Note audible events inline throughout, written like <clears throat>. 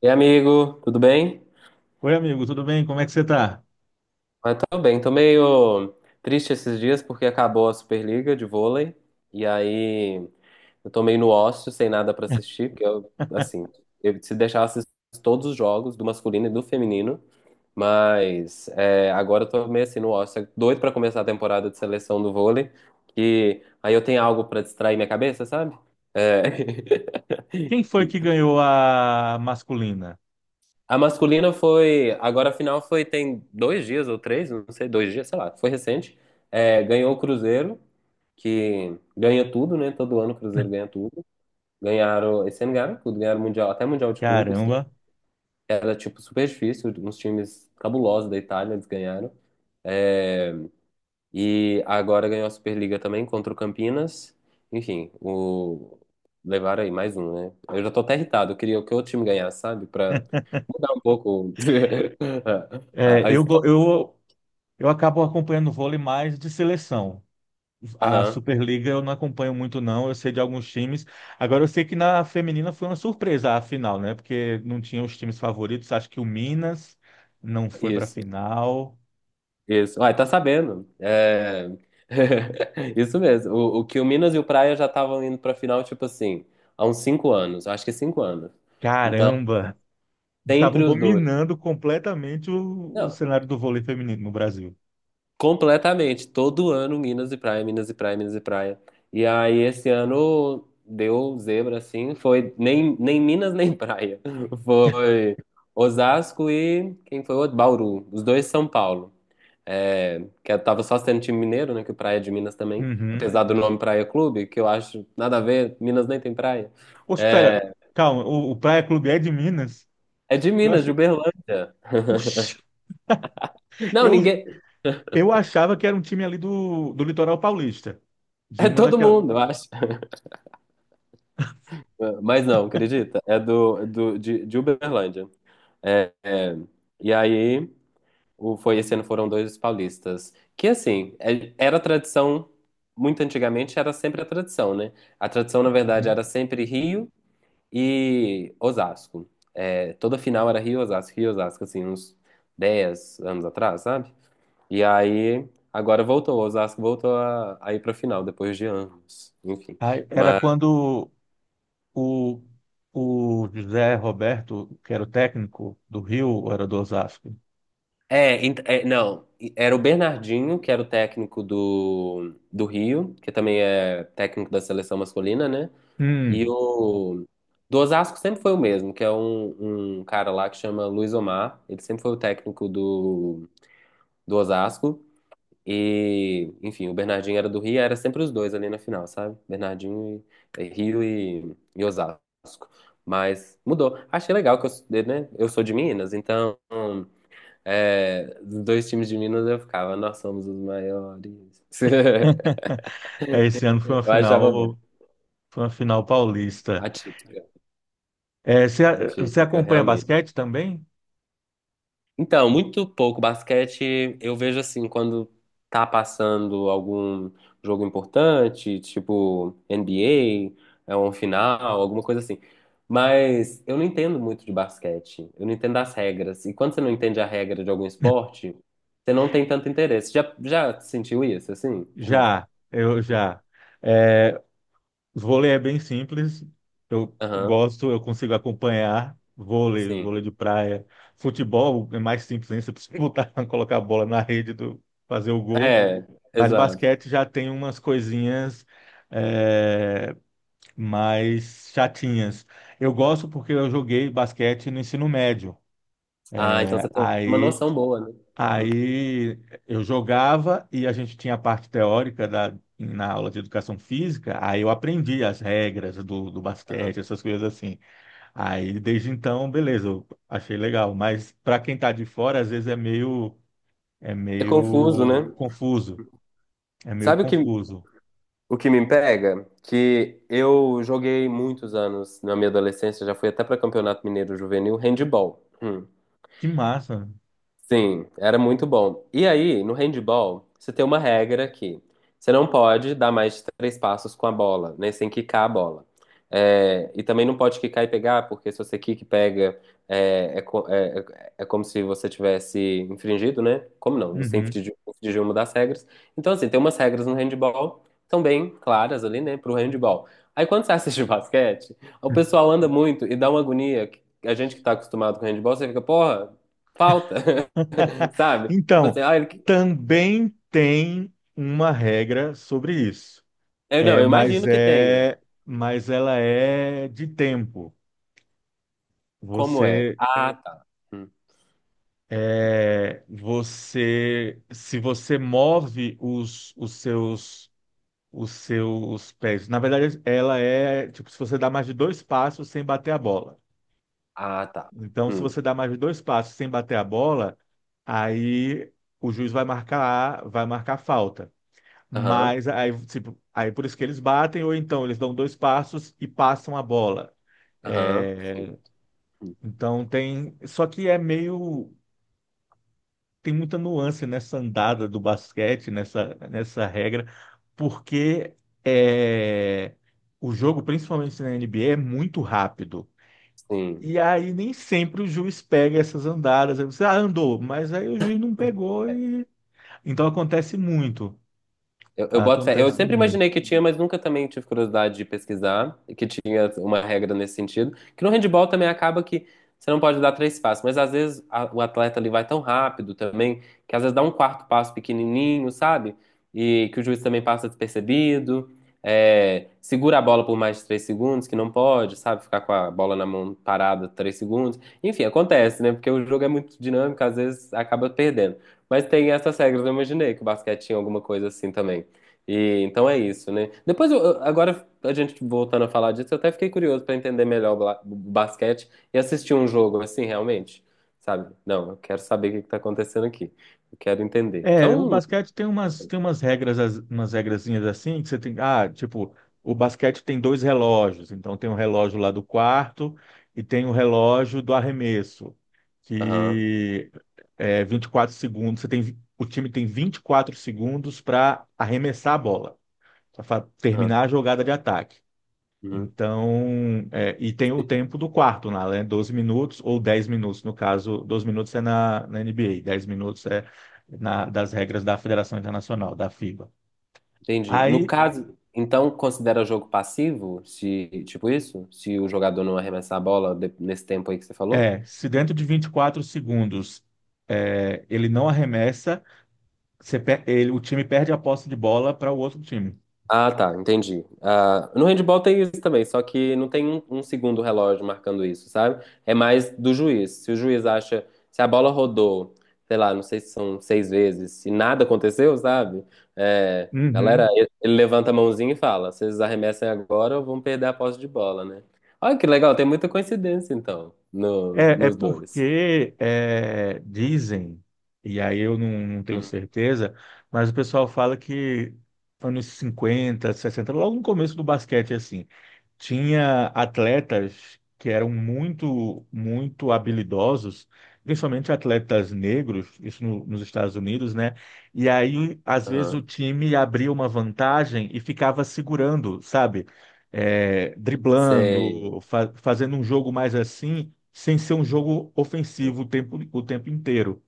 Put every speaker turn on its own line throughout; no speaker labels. E amigo, tudo bem?
Oi, amigo, tudo bem? Como é que você tá?
Ah, tô bem, tô meio triste esses dias porque acabou a Superliga de vôlei e aí eu tô meio no ócio, sem nada pra assistir, porque eu,
<laughs>
assim, eu se deixar assisto todos os jogos do masculino e do feminino, mas é, agora eu tô meio assim no ócio, é doido pra começar a temporada de seleção do vôlei, que aí eu tenho algo pra distrair minha cabeça, sabe? É.
Quem
<laughs>
foi que ganhou a masculina?
A masculina foi. Agora a final foi, tem 2 dias ou 3, não sei, 2 dias, sei lá, foi recente. É, ganhou o Cruzeiro, que ganha tudo, né? Todo ano o Cruzeiro ganha tudo. Ganharam, esse ano ganharam tudo, ganharam Mundial, até Mundial de Clubes, que
Caramba.
era tipo super difícil, uns times cabulosos da Itália, eles ganharam. É, e agora ganhou a Superliga também contra o Campinas. Enfim, levaram aí mais um, né? Eu já tô até irritado. Eu queria que o outro time ganhasse, sabe? Pra mudar um pouco <laughs>
É,
a
eu, go-
história.
eu, eu acabo acompanhando vôlei mais de seleção. A
Aham,
Superliga eu não acompanho muito, não. Eu sei de alguns times. Agora, eu sei que na feminina foi uma surpresa a final, né? Porque não tinha os times favoritos. Acho que o Minas não foi pra
isso,
final.
isso. Uai, tá sabendo. <laughs> Isso mesmo. O que o Minas e o Praia já estavam indo pra final, tipo assim, há uns 5 anos. Acho que 5 anos. Então,
Caramba! Estavam
sempre os dois.
dominando completamente o
Não,
cenário do vôlei feminino no Brasil.
completamente. Todo ano, Minas e praia, Minas e praia, Minas e praia. E aí, esse ano deu zebra, assim. Foi nem Minas, nem praia. <laughs> Foi Osasco e quem foi o outro? Bauru. Os dois São Paulo. É, que eu tava só sendo time mineiro, né? Que o Praia é de Minas também.
Uhum.
Apesar do nome Praia Clube, que eu acho nada a ver. Minas nem tem praia.
Ô, espera,
É,
calma, o Praia Clube é de Minas?
é de
Eu
Minas, de
achei.
Uberlândia.
Oxi,
Não,
eu,
ninguém.
eu achava que era um time ali do Litoral Paulista, de
É
uma
todo
daquelas.
mundo, eu acho. <laughs> Mas não, acredita? É de Uberlândia. É, e aí, foi esse ano foram dois paulistas. Que assim, era tradição, muito antigamente era sempre a tradição, né? A tradição, na verdade,
Uhum.
era sempre Rio e Osasco. É, toda final era Rio e Osasco, assim, uns 10 anos atrás, sabe? E aí, agora voltou, Osasco voltou a ir pra final, depois de anos, enfim.
Aí, era quando o, o José Roberto, que era o técnico do Rio, ou era do Osasco?
Não, era o Bernardinho, que era o técnico do Rio, que também é técnico da seleção masculina, né? E
Hum,
o do Osasco sempre foi o mesmo, que é um cara lá que chama Luiz Omar, ele sempre foi o técnico do Osasco. E, enfim, o Bernardinho era do Rio, era sempre os dois ali na final, sabe? Bernardinho e Rio e Osasco. Mas mudou. Achei legal que eu, né? Eu sou de Minas, então. É, dos dois times de Minas eu ficava, nós somos os maiores. <laughs>
é, esse ano
Eu achava bom.
foi uma final paulista.
Atípica,
É, você
atípica,
acompanha
realmente.
basquete também?
Então, muito pouco basquete, eu vejo assim, quando tá passando algum jogo importante, tipo NBA, é um final, alguma coisa assim. Mas eu não entendo muito de basquete, eu não entendo as regras. E quando você não entende a regra de algum esporte, você não tem tanto interesse. Já sentiu isso, assim? <clears throat>
Já, eu já. É, vôlei é bem simples. Eu
Aham,
gosto, eu consigo acompanhar vôlei
sim.
de praia. Futebol é mais simples, hein? Você precisa botar, <laughs> colocar a bola na rede do fazer o gol.
É,
Mas
exato.
basquete já tem umas coisinhas é, mais chatinhas. Eu gosto porque eu joguei basquete no ensino médio.
Ah, então você tem uma
Aí
noção boa, né? Hum,
Aí eu jogava e a gente tinha a parte teórica na aula de educação física, aí eu aprendi as regras do
tá.
basquete, essas coisas assim. Aí desde então, beleza, eu achei legal, mas para quem tá de fora, às vezes é
É confuso,
meio
né?
confuso, é meio
Sabe o que,
confuso.
o que me pega? Que eu joguei muitos anos na minha adolescência, já fui até para Campeonato Mineiro Juvenil, handball. Hum.
Que massa.
Sim, era muito bom. E aí, no handball, você tem uma regra que você não pode dar mais de 3 passos com a bola, né? Sem quicar a bola. É, e também não pode quicar e pegar, porque se você quica e pega, é como se você tivesse infringido, né? Como não? Você
Uhum.
infringiu, infringiu uma das regras. Então, assim, tem umas regras no handball, são bem claras ali, né? Pro handball. Aí, quando você assiste <laughs> basquete, o
<laughs>
pessoal anda muito e dá uma agonia. A gente que tá acostumado com handball, você fica, porra, falta. Sabe?
Então, também tem uma regra sobre isso.
Não,
É,
eu
mas
imagino que tenha.
é, mas ela é de tempo.
Como é?
Você,
Ah, tá. Hum.
Se você move os seus pés. Na verdade, ela é tipo se você dá mais de dois passos sem bater a bola.
Ah, tá.
Então, se
Hum.
você dá mais de dois passos sem bater a bola, aí o juiz vai marcar falta.
Aham,
Mas aí, tipo, aí por isso que eles batem, ou então eles dão dois passos e passam a bola.
aham. Sim,
É,
hum.
Então tem, só que é meio tem muita nuance nessa andada do basquete, nessa regra, porque é o jogo, principalmente na NBA, é muito rápido.
Sim.
E aí nem sempre o juiz pega essas andadas. Aí você, andou, mas aí o juiz não pegou e então acontece muito.
Eu boto fé. Eu
Acontece
sempre
muito.
imaginei que tinha, mas nunca também tive curiosidade de pesquisar que tinha uma regra nesse sentido. Que no handebol também acaba que você não pode dar 3 passos, mas às vezes o atleta ali vai tão rápido também que às vezes dá um quarto passo pequenininho, sabe? E que o juiz também passa despercebido. É, segura a bola por mais de 3 segundos, que não pode, sabe? Ficar com a bola na mão parada 3 segundos. Enfim, acontece, né? Porque o jogo é muito dinâmico, às vezes acaba perdendo. Mas tem essas regras, eu imaginei que o basquete tinha alguma coisa assim também. E então é isso, né? Depois, agora a gente voltando a falar disso, eu até fiquei curioso para entender melhor o basquete e assistir um jogo assim, realmente, sabe? Não, eu quero saber o que que tá acontecendo aqui. Eu quero entender. Que é
É, o
um.
basquete tem umas regras, umas regrazinhas assim, que você tem, tipo, o basquete tem dois relógios, então tem o relógio lá do quarto e tem o relógio do arremesso,
Aham,
que é 24 segundos, o time tem 24 segundos para arremessar a bola, para
aham,
terminar a jogada de ataque.
uhum.
Então, e tem o tempo do quarto lá, né? 12 minutos ou 10 minutos, no caso, 12 minutos é na NBA, 10 minutos é das regras da Federação Internacional, da FIBA.
Entendi. No
Aí,
caso, então considera jogo passivo, se tipo isso? Se o jogador não arremessar a bola nesse tempo aí que você falou?
se dentro de 24 segundos ele não arremessa, o time perde a posse de bola para o outro time.
Ah, tá, entendi. Ah, no handball tem isso também, só que não tem um segundo relógio marcando isso, sabe? É mais do juiz. Se o juiz acha, se a bola rodou, sei lá, não sei se são 6 vezes, se nada aconteceu, sabe? É, galera,
Uhum.
ele levanta a mãozinha e fala: vocês arremessem agora ou vão perder a posse de bola, né? Olha que legal, tem muita coincidência então nos,
É,
nos dois.
porque é, dizem, e aí eu não tenho
Uhum.
certeza, mas o pessoal fala que anos 50, 60, logo no começo do basquete, assim, tinha atletas que eram muito, muito habilidosos, principalmente atletas negros, isso nos Estados Unidos, né? E aí, às vezes, o
Aham.
time abria uma vantagem e ficava segurando, sabe?
Sei.
Driblando, fazendo um jogo mais assim sem ser um jogo ofensivo o tempo inteiro.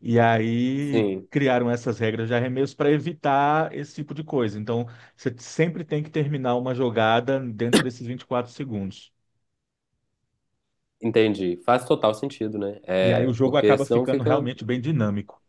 E aí
Sim,
criaram essas regras de arremesso para evitar esse tipo de coisa. Então, você sempre tem que terminar uma jogada dentro desses 24 segundos.
entendi. Faz total sentido, né?
E aí o
É,
jogo
porque
acaba
senão
ficando
fica
realmente bem dinâmico.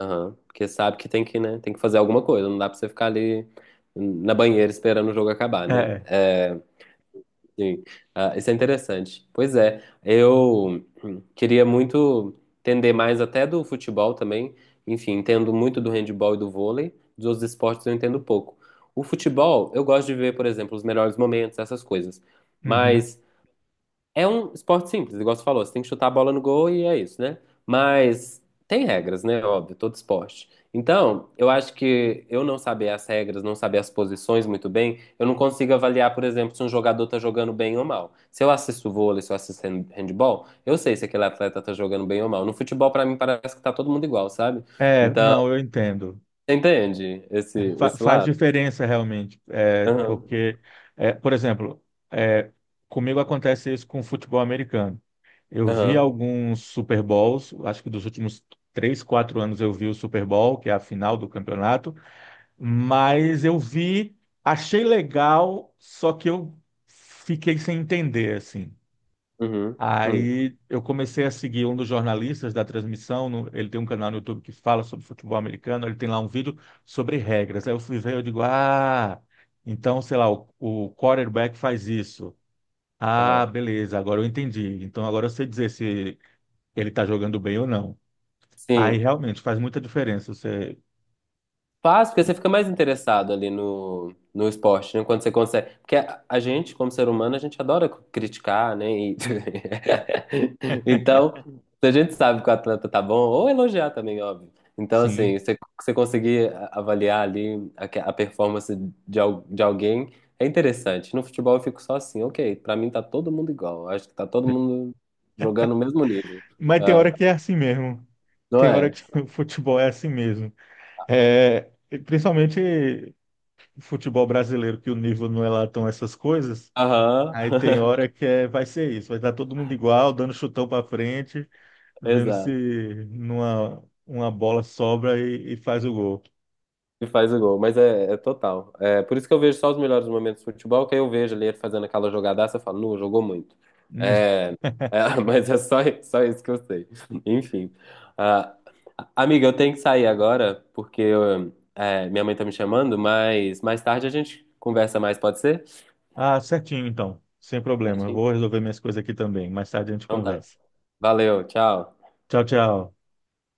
Aham. Porque sabe que tem que, né, tem que fazer alguma coisa, não dá pra você ficar ali na banheira esperando o jogo acabar, né?
É,
É, sim. Ah, isso é interessante. Pois é, eu queria muito entender mais até do futebol também. Enfim, entendo muito do handebol e do vôlei, dos outros esportes eu entendo pouco. O futebol, eu gosto de ver, por exemplo, os melhores momentos, essas coisas.
uhum.
Mas é um esporte simples, igual você falou, você tem que chutar a bola no gol e é isso, né? Mas tem regras, né? Óbvio, todo esporte. Então, eu acho que eu não saber as regras, não saber as posições muito bem, eu não consigo avaliar, por exemplo, se um jogador tá jogando bem ou mal. Se eu assisto vôlei, se eu assisto handball, eu sei se aquele atleta tá jogando bem ou mal. No futebol, pra mim, parece que tá todo mundo igual, sabe?
É,
Então,
não, eu entendo.
você entende esse, esse
Faz
lado?
diferença realmente,
Aham,
porque, por exemplo, é, comigo acontece isso com o futebol americano. Eu vi
aham,
alguns Super Bowls, acho que dos últimos 3, 4 anos eu vi o Super Bowl, que é a final do campeonato, mas eu vi, achei legal, só que eu fiquei sem entender, assim.
uhum, uhum,
Aí eu comecei a seguir um dos jornalistas da transmissão, ele tem um canal no YouTube que fala sobre futebol americano, ele tem lá um vídeo sobre regras. Aí eu fui ver, eu digo, então, sei lá, o quarterback faz isso. Ah,
aham.
beleza, agora eu entendi. Então agora eu sei dizer se ele tá jogando bem ou não. Aí
Sim.
realmente faz muita diferença você,
Faz, porque você fica mais interessado ali no esporte, né? Quando você consegue. Porque a gente, como ser humano, a gente adora criticar, né? <laughs> Então, se a gente sabe que o atleta tá bom, ou elogiar também, óbvio. Então,
sim.
assim, você conseguir avaliar ali a performance de alguém é interessante. No futebol eu fico só assim, ok, pra mim tá todo mundo igual. Acho que tá todo mundo jogando no mesmo nível.
Mas tem
Ah,
hora que é assim mesmo.
não
Tem hora
é?
que <laughs> o futebol é assim mesmo. É, principalmente futebol brasileiro, que o nível não é lá tão essas coisas.
Aham,
Aí tem hora
<laughs>
que vai ser isso, vai estar todo mundo igual, dando chutão para frente, vendo se
exato.
uma bola sobra e faz o gol.
E faz o gol, mas é total. É, por isso que eu vejo só os melhores momentos do futebol, que aí eu vejo ali ele fazendo aquela jogadaça, eu falo, não, jogou muito.
Hum.
É,
<laughs>
é, <laughs> mas é só isso que eu sei. <laughs> Enfim. Ah, amiga, eu tenho que sair agora, porque eu, minha mãe tá me chamando, mas mais tarde a gente conversa mais, pode ser?
Ah, certinho então, sem problema. Eu
Certinho?
vou resolver minhas coisas aqui também. Mais tarde a gente
Então tá.
conversa.
Valeu, tchau.
Tchau, tchau.